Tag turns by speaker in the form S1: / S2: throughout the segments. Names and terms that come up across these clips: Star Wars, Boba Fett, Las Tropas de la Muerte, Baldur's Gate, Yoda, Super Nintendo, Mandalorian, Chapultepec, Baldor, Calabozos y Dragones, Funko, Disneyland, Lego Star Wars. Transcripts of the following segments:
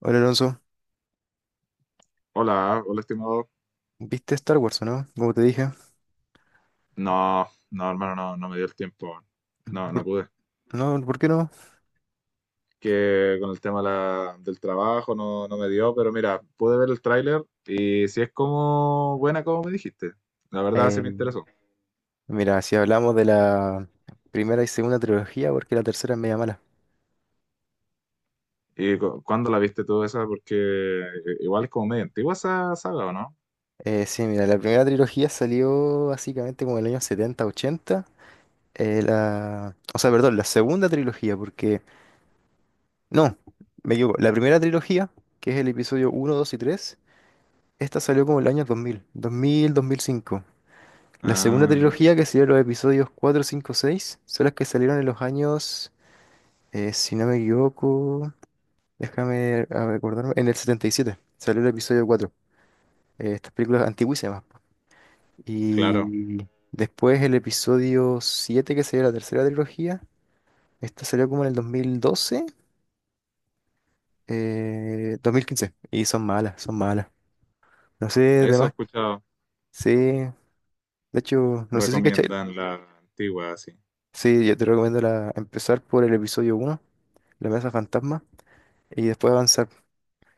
S1: Hola Alonso,
S2: Hola, hola estimado.
S1: ¿viste Star Wars o no? Como te dije.
S2: No, no, hermano, no, no me dio el tiempo. No, no
S1: ¿Por,
S2: pude.
S1: no, ¿por qué no?
S2: Que con el tema de del trabajo no me dio, pero mira, pude ver el tráiler y si es como buena como me dijiste. La verdad sí
S1: Eh,
S2: me interesó.
S1: mira, si hablamos de la primera y segunda trilogía, porque la tercera es media mala.
S2: ¿Y cuándo la viste tú esa? Porque igual es como medio antigua esa saga, ¿o no?
S1: Sí, mira, la primera trilogía salió básicamente como en el año 70 80. O sea, perdón, la segunda trilogía, porque... No, me equivoco. La primera trilogía, que es el episodio uno, 2 y tres. Esta salió como el año 2005. La segunda
S2: Ah,
S1: trilogía, que serían los episodios cuatro, cinco, 6, son las que salieron en los años. Si no me equivoco, déjame recordarme, en el 77 salió el episodio 4. Estas películas antiguísimas, po.
S2: claro.
S1: Y después el episodio 7, que sería la tercera trilogía, esta salió como en el 2012, 2015. Y son malas, son malas. No sé,
S2: Eso he
S1: demás.
S2: escuchado.
S1: Sí, de hecho, no sé si cachai.
S2: Recomiendan la antigua, sí.
S1: Sí, yo te recomiendo, empezar por el episodio uno, La Mesa Fantasma, y después avanzar.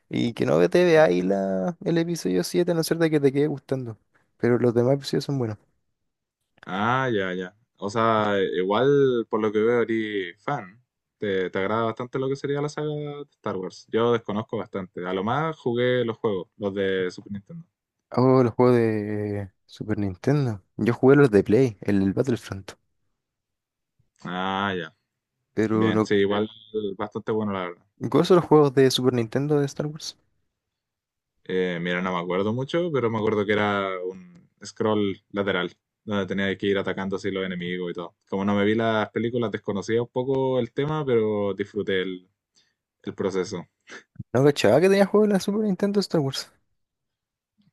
S1: Y que no te vea veáis el episodio siete, a no ser de que te quede gustando. Pero los demás episodios son buenos.
S2: Ah, ya, ya. O sea, igual por lo que veo, eres fan. Te agrada bastante lo que sería la saga de Star Wars. Yo desconozco bastante. A lo más jugué los juegos, los de Super Nintendo.
S1: Oh, los juegos de Super Nintendo. Yo jugué los de Play, el Battlefront.
S2: Ah, ya.
S1: Pero
S2: Bien,
S1: no
S2: sí, sí, igual bastante bueno, la verdad.
S1: gozo los juegos de Super Nintendo de Star Wars.
S2: Mira, no me acuerdo mucho, pero me acuerdo que era un scroll lateral, donde tenía que ir atacando así los enemigos y todo. Como no me vi las películas, desconocía un poco el tema, pero disfruté el proceso.
S1: No cachaba que tenía juegos de la Super Nintendo de Star Wars.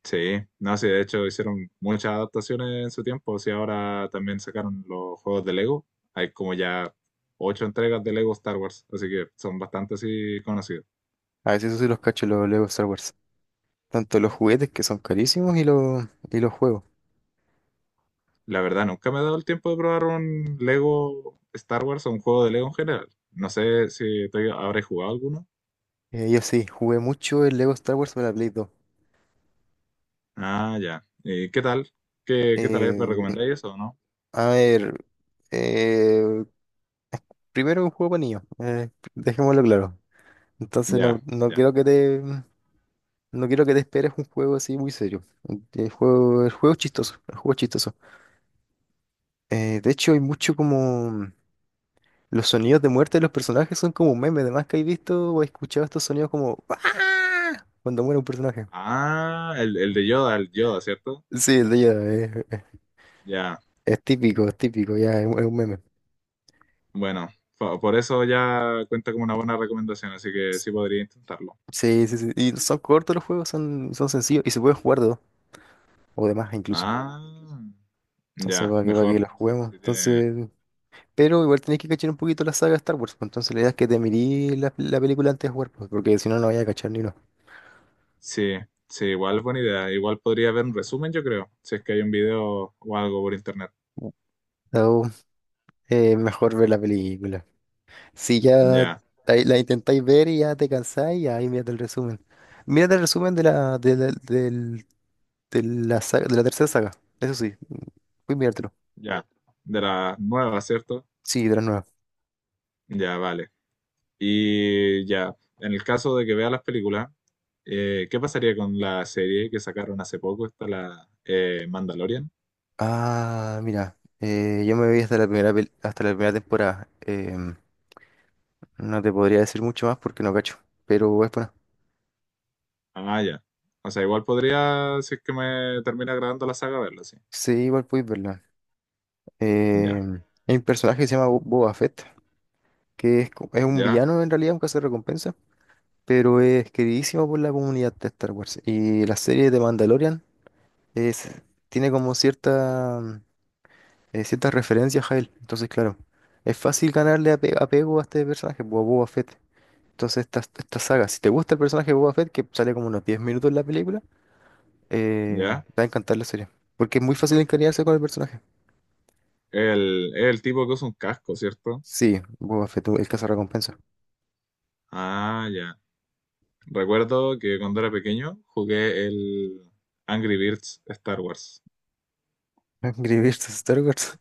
S2: Sí, no, sí, de hecho hicieron muchas adaptaciones en su tiempo. Sí, ahora también sacaron los juegos de Lego. Hay como ya ocho entregas de Lego Star Wars, así que son bastante así conocidos.
S1: A veces eso sí los cacho, los Lego Star Wars. Tanto los juguetes que son carísimos y los juegos.
S2: La verdad, nunca me he dado el tiempo de probar un Lego Star Wars o un juego de Lego en general. No sé si tú habré jugado alguno.
S1: Yo sí, jugué mucho el Lego Star Wars para la Play 2.
S2: Ah, ya. ¿Y qué tal? ¿Qué tal es? ¿Me
S1: Eh,
S2: recomendáis eso o no?
S1: a ver, eh, Primero un juego para niños, dejémoslo claro. Entonces
S2: Ya,
S1: no, no
S2: ya.
S1: quiero que te no quiero que te esperes un juego así muy serio. El juego es chistoso, el juego es chistoso. De hecho hay mucho como los sonidos de muerte de los personajes son como un meme, además que he visto o he escuchado estos sonidos como "Ah", cuando muere un personaje.
S2: Ah, el de Yoda, el Yoda, ¿cierto?
S1: Sí, el de ella
S2: Ya.
S1: es típico, ya es un meme.
S2: Bueno, por eso ya cuenta como una buena recomendación, así que sí podría intentarlo.
S1: Sí, sí, sí. Y son cortos los juegos, son sencillos y se pueden jugar de dos o de más incluso.
S2: Ah,
S1: Entonces,
S2: ya,
S1: para que
S2: mejor.
S1: los juguemos.
S2: Sí,
S1: Entonces, pero igual tenés que cachar un poquito la saga de Star Wars, pues. Entonces la idea es que te mirís la película antes de jugar, pues, porque si no, no vayas a cachar ni uno.
S2: sí, sí, igual buena idea. Igual podría haber un resumen, yo creo, si es que hay un video o algo por internet.
S1: So, Mejor ver la película. Si ya
S2: Ya,
S1: la intentáis ver y ya te cansáis, ahí mírate el resumen. Mírate el resumen de la tercera saga, eso sí, voy a mirártelo.
S2: ya. De la nueva, ¿cierto?
S1: Sí, de la nueva.
S2: Ya, vale. Y ya, en el caso de que vea las películas, ¿qué pasaría con la serie que sacaron hace poco? Está la Mandalorian.
S1: Yo me vi hasta la primera temporada. No te podría decir mucho más porque no cacho, pero es buena.
S2: Ah, ya. O sea, igual podría, si es que me termina grabando la saga, verla, sí.
S1: Sí, igual podéis verla. Eh,
S2: Ya,
S1: hay un personaje que se llama Boba Fett, que es un
S2: ya,
S1: villano en realidad, un recompensa, pero es queridísimo por la comunidad de Star Wars. Y la serie de Mandalorian es, tiene como ciertas referencias a él. Entonces, claro, es fácil ganarle apego a este personaje, Boba Fett. Entonces, esta saga, si te gusta el personaje de Boba Fett, que sale como unos 10 minutos en la película,
S2: ya.
S1: te va a encantar la serie. Porque es muy fácil encariñarse con el personaje.
S2: Es el tipo que usa un casco, ¿cierto?
S1: Sí, Boba Fett, el recompensa.
S2: Ah, ya. Recuerdo que cuando era pequeño jugué el Angry Birds Star Wars.
S1: Escribirse Star Wars.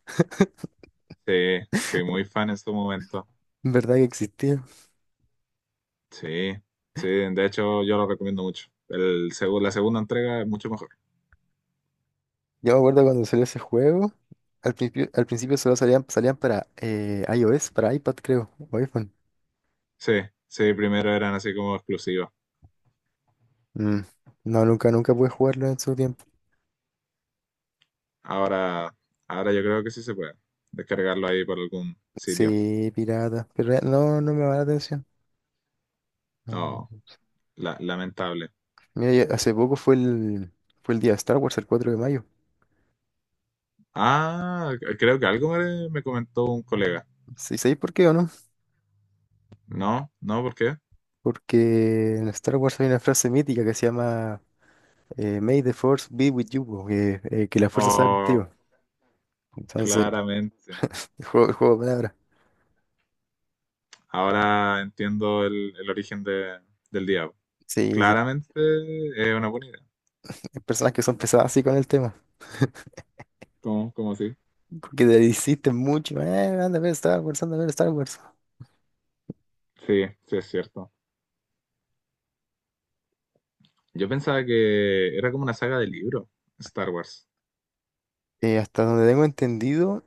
S2: Sí, fui muy fan en su momento.
S1: ¿Verdad que existía?
S2: Sí, sí, de hecho yo lo recomiendo mucho. La segunda entrega es mucho mejor.
S1: Yo me acuerdo cuando salió ese juego, al principio solo salían para iOS, para iPad creo, o iPhone.
S2: Sí, sí, primero eran así como exclusivas.
S1: Mm. No, nunca pude jugarlo en su tiempo.
S2: Ahora, ahora yo creo que sí se puede descargarlo ahí por algún sitio.
S1: Sí, pirata, pero no me va la atención.
S2: Oh,
S1: Mm.
S2: lamentable.
S1: Mira, ya hace poco fue el día de Star Wars, el 4 de mayo.
S2: Ah, creo que algo me comentó un colega.
S1: ¿Sí sabéis por qué o no?
S2: No, no, ¿por qué?
S1: Porque en Star Wars hay una frase mítica que se llama May the Force be with you, po, que la fuerza sea
S2: Oh,
S1: contigo. Entonces,
S2: claramente.
S1: el juego de palabras.
S2: Ahora entiendo el origen del diablo.
S1: Sí, sí.
S2: Claramente es una buena idea.
S1: Hay personas que son pesadas así con el tema,
S2: ¿Cómo? ¿Cómo así?
S1: que le insisten mucho, anda a ver Star Wars, anda a ver Star Wars.
S2: Sí, sí, es cierto. Yo pensaba que era como una saga de libro, Star Wars.
S1: Hasta donde tengo entendido,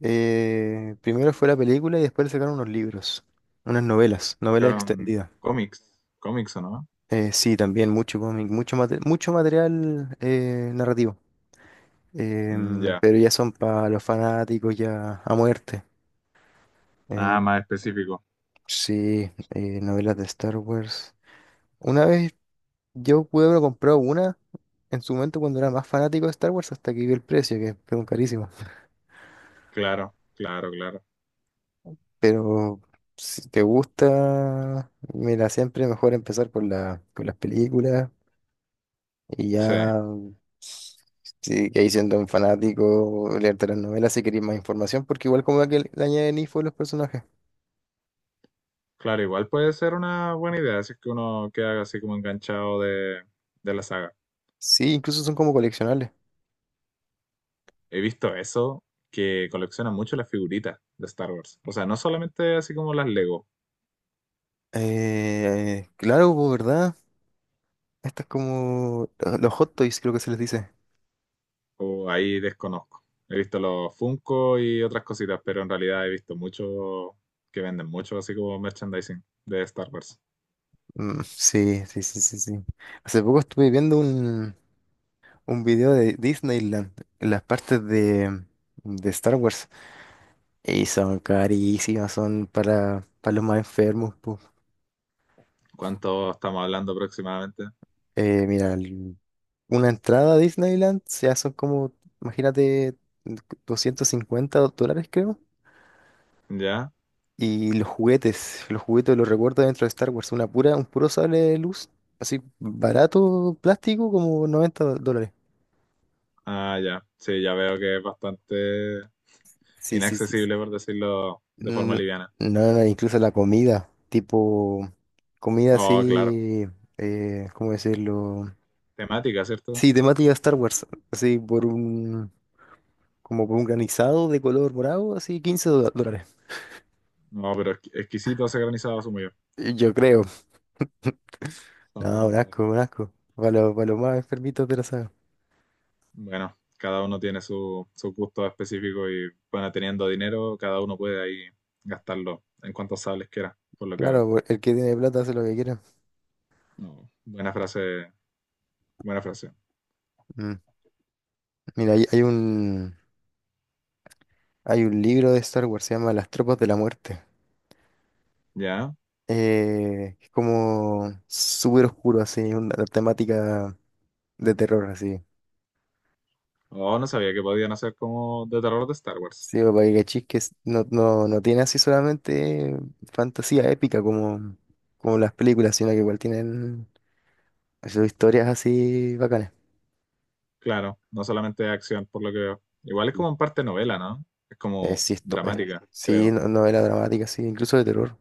S1: primero fue la película y después le sacaron unos libros, unas novelas, novelas
S2: Sacaron
S1: extendidas.
S2: cómics, ¿o no?
S1: Sí, también mucho cómic, mucho material, narrativo.
S2: Mm, ya.
S1: Pero ya son para los fanáticos ya a muerte.
S2: Ah,
S1: Em,
S2: más específico.
S1: sí, novelas de Star Wars. Una vez yo pude haber comprado una en su momento cuando era más fanático de Star Wars, hasta que vi el precio, que fueron carísimo.
S2: Claro, claro, claro.
S1: Pero si te gusta, mira, siempre mejor empezar por por las películas y
S2: Sí.
S1: ya, si que ahí siendo un fanático, leerte las novelas si querés más información, porque igual como que le añaden info a los personajes.
S2: Claro, igual puede ser una buena idea si es que uno queda así como enganchado de la saga.
S1: Sí, incluso son como coleccionables.
S2: He visto eso, que colecciona mucho las figuritas de Star Wars. O sea, no solamente así como las Lego,
S1: Claro, pues, ¿verdad? Esto es como los hot toys, creo que se les dice.
S2: o ahí desconozco. He visto los Funko y otras cositas, pero en realidad he visto mucho que venden mucho así como merchandising de Star Wars.
S1: Mm, sí, sí, sí, sí, sí. Hace poco estuve viendo un video de Disneyland, en las partes de Star Wars, y son carísimas, son para los más enfermos, pu.
S2: ¿Cuánto estamos hablando aproximadamente?
S1: Eh, mira, el- una entrada a Disneyland ya son como, imagínate, $250 creo.
S2: ¿Ya?
S1: Y los juguetes los recuerdo dentro de Star Wars, un puro sable de luz, así barato, plástico, como $90.
S2: Ah, ya. Sí, ya veo que es bastante
S1: Sí, sí, sí.
S2: inaccesible, por decirlo de forma
S1: No,
S2: liviana.
S1: no, no, incluso la comida, tipo comida
S2: Oh, claro.
S1: así, ¿cómo decirlo?
S2: Temática, ¿cierto?
S1: Sí, temática Star Wars, así como por un granizado de color morado, así 15 dólares.
S2: No, pero exquisito ese granizado asumo yo.
S1: Yo creo.
S2: Sabor
S1: No, un
S2: morado.
S1: asco, un asco. Para los más enfermitos de la saga.
S2: Bueno, cada uno tiene su gusto específico y bueno, teniendo dinero, cada uno puede ahí gastarlo en cuantos sables quiera, por lo que veo.
S1: Claro, pues, el que tiene plata hace lo que quiera.
S2: No. Buena frase, buena frase.
S1: Mm. Mira, hay un libro de Star Wars, se llama Las Tropas de la Muerte.
S2: ¿Ya?
S1: Es como súper oscuro, así, una temática. De terror, así.
S2: Oh, no sabía que podían hacer como de terror de Star Wars.
S1: Sí, porque Gachis no, no, no tiene así solamente fantasía épica como, como las películas, sino que igual tienen sus historias así bacanas.
S2: Claro, no solamente de acción, por lo que veo. Igual es
S1: Mm.
S2: como en parte novela, ¿no? Es
S1: Eh,
S2: como
S1: sí, esto, es,
S2: dramática,
S1: sí,
S2: creo.
S1: novela dramática, sí, incluso de terror.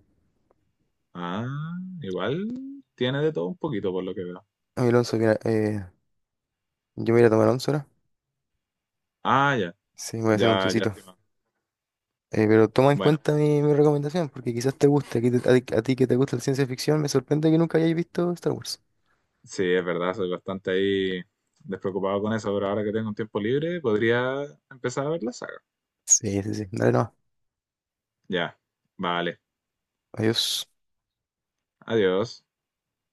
S2: Ah, igual tiene de todo un poquito, por lo que veo.
S1: Ay, Alonso, mira, yo me voy a tomar once ahora.
S2: Ah, ya,
S1: Sí, me voy a hacer un
S2: ya, ya.
S1: tecito. Pero toma en
S2: Bueno,
S1: cuenta mi recomendación, porque quizás te guste. A ti, que te gusta la ciencia ficción, me sorprende que nunca hayáis visto Star Wars.
S2: sí, es verdad, soy bastante ahí despreocupado con eso, pero ahora que tengo un tiempo libre, podría empezar a ver la saga.
S1: Sí, sí, sí. Dale, no.
S2: Ya, vale,
S1: Adiós.
S2: adiós.